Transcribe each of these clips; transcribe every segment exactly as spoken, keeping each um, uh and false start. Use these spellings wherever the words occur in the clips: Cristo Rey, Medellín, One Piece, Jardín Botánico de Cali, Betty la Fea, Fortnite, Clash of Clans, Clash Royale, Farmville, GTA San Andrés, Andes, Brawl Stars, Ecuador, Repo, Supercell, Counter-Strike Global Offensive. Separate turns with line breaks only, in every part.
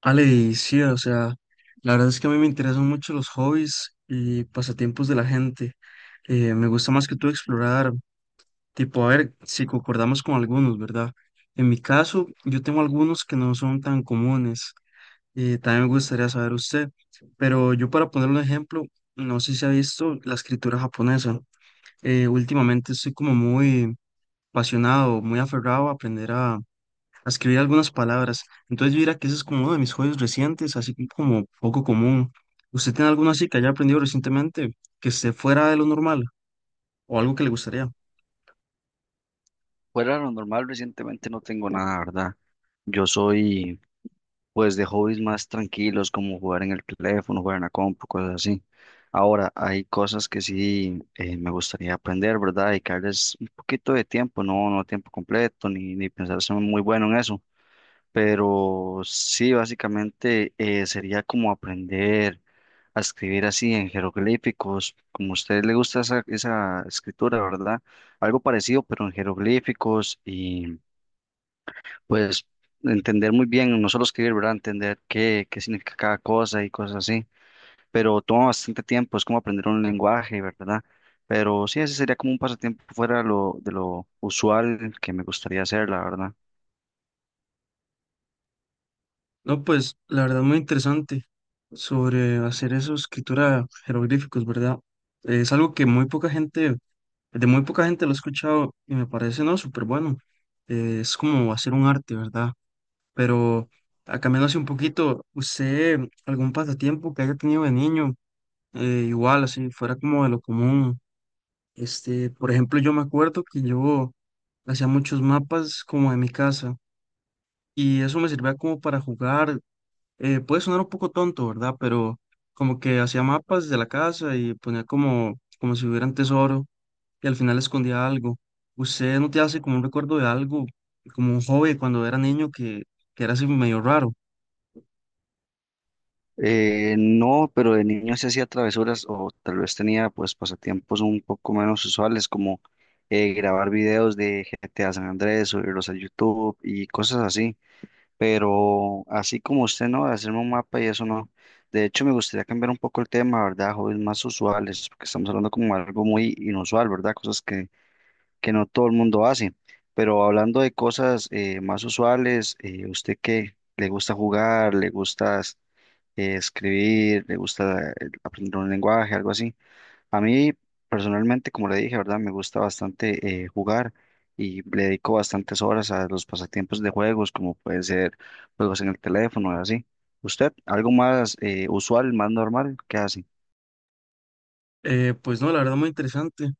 Ale, y sí, o sea, la verdad es que a mí me interesan mucho los hobbies y pasatiempos de la gente. Eh, me gusta más que todo explorar, tipo, a ver si concordamos con algunos, ¿verdad? En mi caso, yo tengo algunos que no son tan comunes. Eh, también me gustaría saber usted, pero yo para poner un ejemplo, no sé si ha visto la escritura japonesa. Eh, últimamente estoy como muy apasionado, muy aferrado a aprender a escribir algunas palabras. Entonces yo diría que ese es como uno de mis hobbies recientes, así que como poco común. ¿Usted tiene alguno así que haya aprendido recientemente que esté fuera de lo normal o algo que le gustaría?
Fuera de lo normal, recientemente no tengo nada, ¿verdad? Yo soy, pues, de hobbies más tranquilos, como jugar en el teléfono, jugar en la compu, cosas así. Ahora, hay cosas que sí eh, me gustaría aprender, ¿verdad? Dedicarles un poquito de tiempo, no, no tiempo completo, ni, ni pensar ser muy bueno en eso. Pero sí, básicamente eh, sería como aprender a escribir así en jeroglíficos, como a usted le gusta esa, esa escritura, ¿verdad? Algo parecido, pero en jeroglíficos y pues entender muy bien, no solo escribir, ¿verdad? Entender qué, qué significa cada cosa y cosas así, pero toma bastante tiempo, es como aprender un lenguaje, ¿verdad? Pero sí, ese sería como un pasatiempo fuera de lo, de lo usual que me gustaría hacer, la verdad.
No, pues la verdad muy interesante sobre hacer eso, escritura jeroglíficos, ¿verdad? Es algo que muy poca gente, de muy poca gente lo he escuchado y me parece, ¿no? Súper bueno. Eh, es como hacer un arte, ¿verdad? Pero ah, cambiando así un poquito, ¿usted algún pasatiempo que haya tenido de niño? Eh, igual, así fuera como de lo común. Este, por ejemplo, yo me acuerdo que yo hacía muchos mapas como de mi casa y eso me servía como para jugar. Eh, puede sonar un poco tonto, ¿verdad? Pero como que hacía mapas de la casa y ponía como, como si hubieran tesoro y al final escondía algo. ¿Usted no te hace como un recuerdo de algo, como un hobby cuando era niño que, que era así medio raro?
Eh, no, pero de niño sí hacía travesuras o tal vez tenía pues pasatiempos un poco menos usuales como eh, grabar videos de G T A San Andrés, subirlos a YouTube y cosas así. Pero así como usted no, de hacerme un mapa y eso no. De hecho, me gustaría cambiar un poco el tema, ¿verdad? Hobbies más usuales, porque estamos hablando como algo muy inusual, ¿verdad? Cosas que, que no todo el mundo hace. Pero hablando de cosas eh, más usuales, eh, ¿usted qué? ¿Le gusta jugar? ¿Le gusta eh, escribir? ¿Le gusta eh, aprender un lenguaje? Algo así. A mí personalmente, como le dije, ¿verdad? Me gusta bastante eh, jugar y le dedico bastantes horas a los pasatiempos de juegos, como pueden ser juegos en el teléfono y así. ¿Usted algo más eh, usual, más normal? ¿Qué hace?
Eh, pues no, la verdad muy interesante.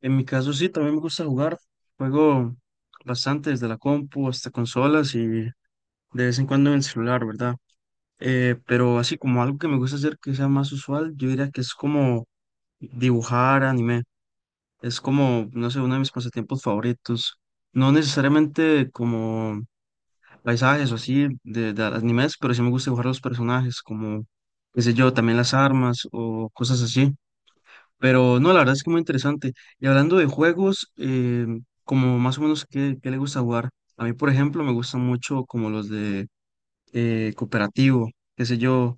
En mi caso sí, también me gusta jugar. Juego bastante desde la compu hasta consolas y de vez en cuando en el celular, ¿verdad? Eh, pero así como algo que me gusta hacer que sea más usual, yo diría que es como dibujar anime. Es como, no sé, uno de mis pasatiempos favoritos. No necesariamente como paisajes o así de, de animes, pero sí me gusta dibujar los personajes, como, qué sé yo, también las armas o cosas así. Pero no, la verdad es que muy interesante. Y hablando de juegos, eh, como más o menos qué, qué le gusta jugar. A mí, por ejemplo, me gustan mucho como los de eh, cooperativo, qué sé yo.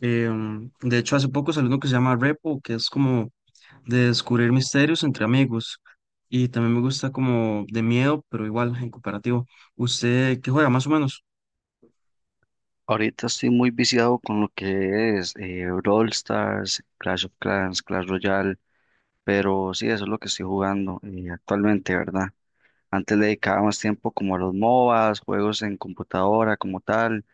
Em, de hecho, hace poco salió uno que se llama Repo, que es como de descubrir misterios entre amigos. Y también me gusta como de miedo, pero igual en cooperativo. ¿Usted qué juega más o menos?
Ahorita estoy muy viciado con lo que es eh, Brawl Stars, Clash of Clans, Clash Royale, pero sí, eso es lo que estoy jugando eh, actualmente, ¿verdad? Antes le dedicaba más tiempo como a los MOBAs, juegos en computadora como tal,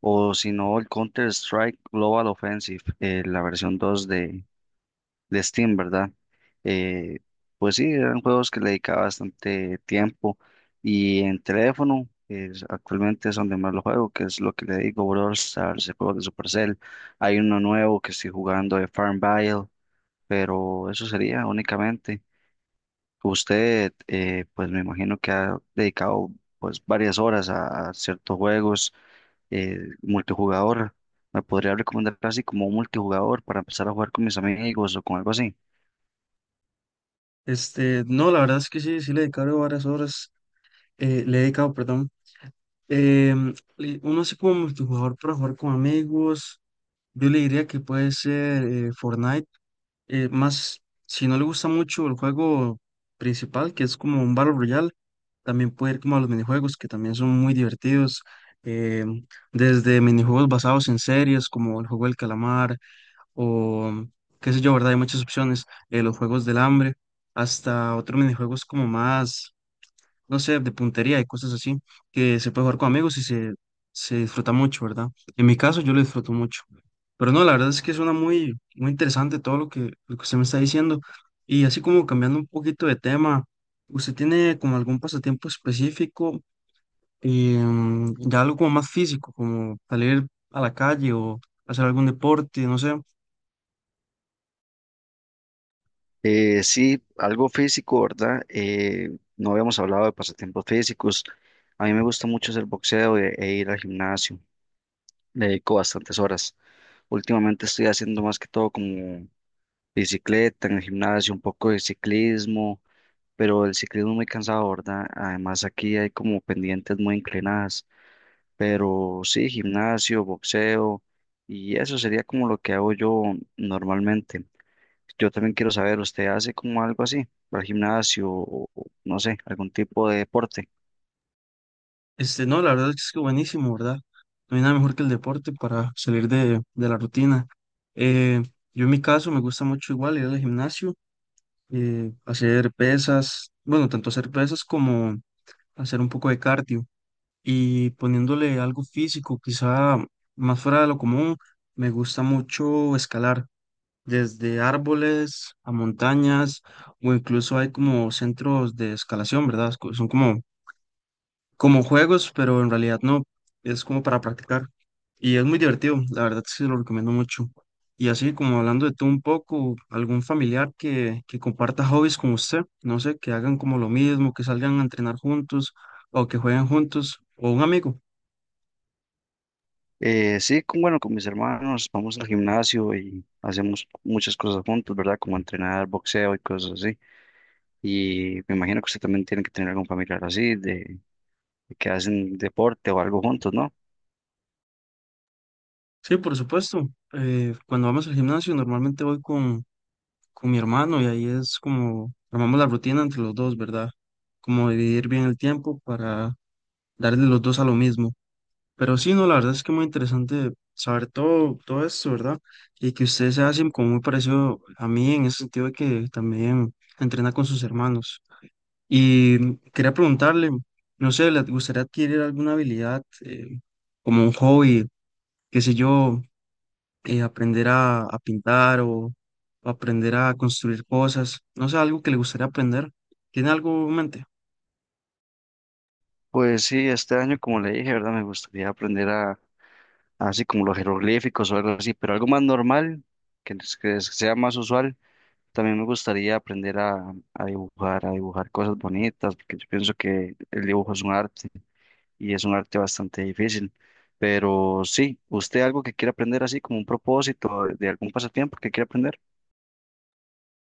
o si no, el Counter-Strike Global Offensive, eh, la versión dos de, de Steam, ¿verdad? Eh, pues sí, eran juegos que le dedicaba bastante tiempo y en teléfono, es- actualmente es donde más lo juego, que es lo que le digo, Brawl Stars, el juego de Supercell. Hay uno nuevo que estoy jugando de Farmville, pero eso sería únicamente. Usted, eh, pues me imagino que ha dedicado pues varias horas a, a ciertos juegos eh, multijugador. ¿Me podría recomendar así como un multijugador para empezar a jugar con mis amigos o con algo así?
Este, no, la verdad es que sí, sí le he dedicado varias horas, eh, le he dedicado, perdón. Em, le- uno así como multijugador para jugar con amigos, yo le diría que puede ser eh, Fortnite, eh, más si no le gusta mucho el juego principal, que es como un Battle Royale, también puede ir como a los minijuegos, que también son muy divertidos, em, desde minijuegos basados en series, como el juego del calamar, o qué sé yo, ¿verdad? Hay muchas opciones, eh, los juegos del hambre, hasta otros minijuegos como más no sé, de puntería y cosas así, que se puede jugar con amigos y se, se disfruta mucho, ¿verdad? En mi caso yo lo disfruto mucho. Pero no, la verdad es que suena muy, muy interesante todo lo que, lo que usted me está diciendo. Y así como cambiando un poquito de tema, ¿usted tiene como algún pasatiempo específico, em, ya algo como más físico, como salir a la calle o hacer algún deporte, no sé?
Eh, sí, algo físico, ¿verdad? Eh, no habíamos hablado de pasatiempos físicos. A mí me gusta mucho hacer boxeo e, e ir al gimnasio. Le dedico bastantes horas. Últimamente estoy haciendo más que todo como bicicleta en el gimnasio, un poco de ciclismo pero el ciclismo es muy cansado, ¿verdad? Además aquí hay como pendientes muy inclinadas, pero sí, gimnasio, boxeo, y eso sería como lo que hago yo normalmente. Yo también quiero saber, ¿usted hace como algo así, va al gimnasio o o no sé, algún tipo de deporte?
Este, no, la verdad es que es buenísimo, ¿verdad? No hay nada mejor que el deporte para salir de, de la rutina. Eh, yo en mi caso me gusta mucho igual ir al gimnasio, eh, hacer pesas, bueno, tanto hacer pesas como hacer un poco de cardio y poniéndole algo físico, quizá más fuera de lo común, me gusta mucho escalar desde árboles a montañas o incluso hay como centros de escalación, ¿verdad? Son como como juegos, pero en realidad no, es como para practicar. Y es muy divertido, la verdad sí lo recomiendo mucho. Y así como hablando de tú un poco, algún familiar que, que comparta hobbies con usted, no sé, que hagan como lo mismo, que salgan a entrenar juntos o que jueguen juntos, o un amigo.
Eh, sí, con, bueno, con mis hermanos vamos al gimnasio y hacemos muchas cosas juntos, ¿verdad? Como entrenar, boxeo y cosas así. Y me imagino que usted también tiene que tener algún familiar así, de, de que hacen deporte o algo juntos, ¿no?
Sí, por supuesto. Eh, cuando vamos al gimnasio normalmente voy con, con mi hermano y ahí es como armamos la rutina entre los dos, ¿verdad? Como dividir bien el tiempo para darle los dos a lo mismo. Pero sí, no, la verdad es que muy interesante saber todo, todo esto, ¿verdad? Y que usted se hace como muy parecido a mí en ese sentido de que también entrena con sus hermanos. Y quería preguntarle, no sé, ¿le gustaría adquirir alguna habilidad eh, como un hobby, qué sé yo, eh, aprender a, a pintar o, o aprender a construir cosas? No sé, algo que le gustaría aprender. ¿Tiene algo en mente?
Pues sí, este año, como le dije, ¿verdad? Me gustaría aprender a, así como los jeroglíficos o algo así, pero algo más normal, que, es- que sea más usual. También me gustaría aprender a, a dibujar, a dibujar cosas bonitas, porque yo pienso que el dibujo es un arte y es un arte bastante difícil. Pero sí, ¿usted algo que quiere aprender así como un propósito de de algún pasatiempo que quiere aprender?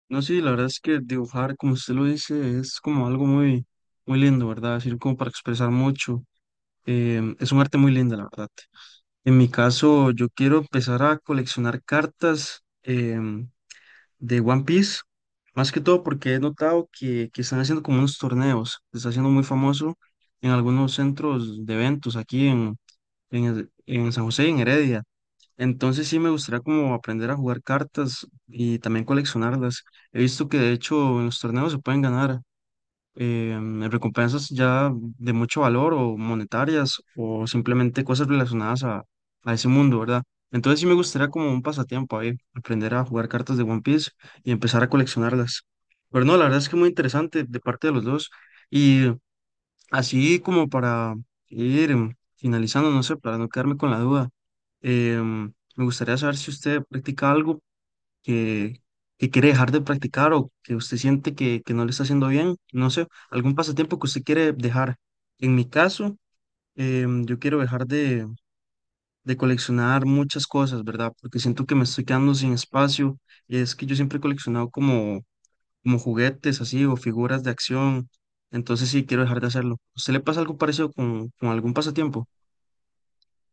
No, sí, la verdad es que dibujar, como usted lo dice, es como algo muy, muy lindo, ¿verdad? Es decir, como para expresar mucho. Em, es un arte muy lindo, la verdad. En mi caso, yo quiero empezar a coleccionar cartas em, de One Piece, más que todo porque he notado que, que están haciendo como unos torneos, se está haciendo muy famoso en algunos centros de eventos aquí en, en, el- en San José y en Heredia. Entonces sí me gustaría como aprender a jugar cartas y también coleccionarlas. He visto que de hecho en los torneos se pueden ganar eh, en recompensas ya de mucho valor o monetarias o simplemente cosas relacionadas a, a ese mundo, ¿verdad? Entonces sí me gustaría como un pasatiempo ahí, aprender a jugar cartas de One Piece y empezar a coleccionarlas. Pero no, la verdad es que muy interesante de parte de los dos. Y así como para ir em, finalizando, no sé, para no quedarme con la duda, em, me gustaría saber si usted practica algo que, que quiere dejar de practicar o que usted siente que, que no le está haciendo bien, no sé, algún pasatiempo que usted quiere dejar. En mi caso, em, yo quiero dejar de, de coleccionar muchas cosas, ¿verdad? Porque siento que me estoy quedando sin espacio. Es que yo siempre he coleccionado como como juguetes así o figuras de acción. Entonces sí, quiero dejar de hacerlo. ¿Se le pasa algo parecido con, con algún pasatiempo?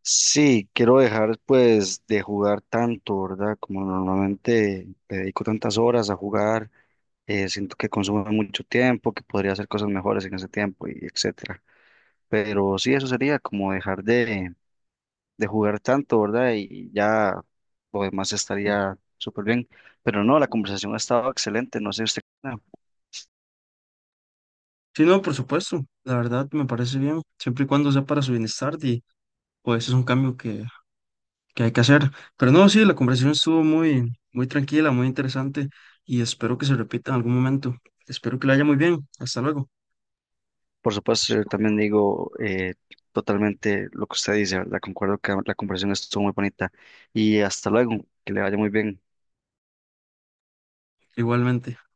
Sí, quiero dejar pues de jugar tanto, ¿verdad? Como normalmente le dedico tantas horas a jugar eh, siento que consume mucho tiempo, que podría hacer cosas mejores en ese tiempo y etcétera. Pero sí, eso sería como dejar de, de jugar tanto, ¿verdad? Y ya lo demás estaría súper bien. Pero no, la conversación ha estado excelente, no sé usted qué opina.
Sí, no, por supuesto. La verdad me parece bien, siempre y cuando sea para su bienestar y pues es un cambio que, que hay que hacer. Pero no, sí, la conversación estuvo muy, muy tranquila, muy interesante y espero que se repita en algún momento. Espero que le haya muy bien. Hasta luego.
Por supuesto, yo también digo eh, totalmente lo que usted dice, ¿verdad? Concuerdo que la conversación estuvo muy bonita. Y hasta luego, que le vaya muy bien.
Igualmente.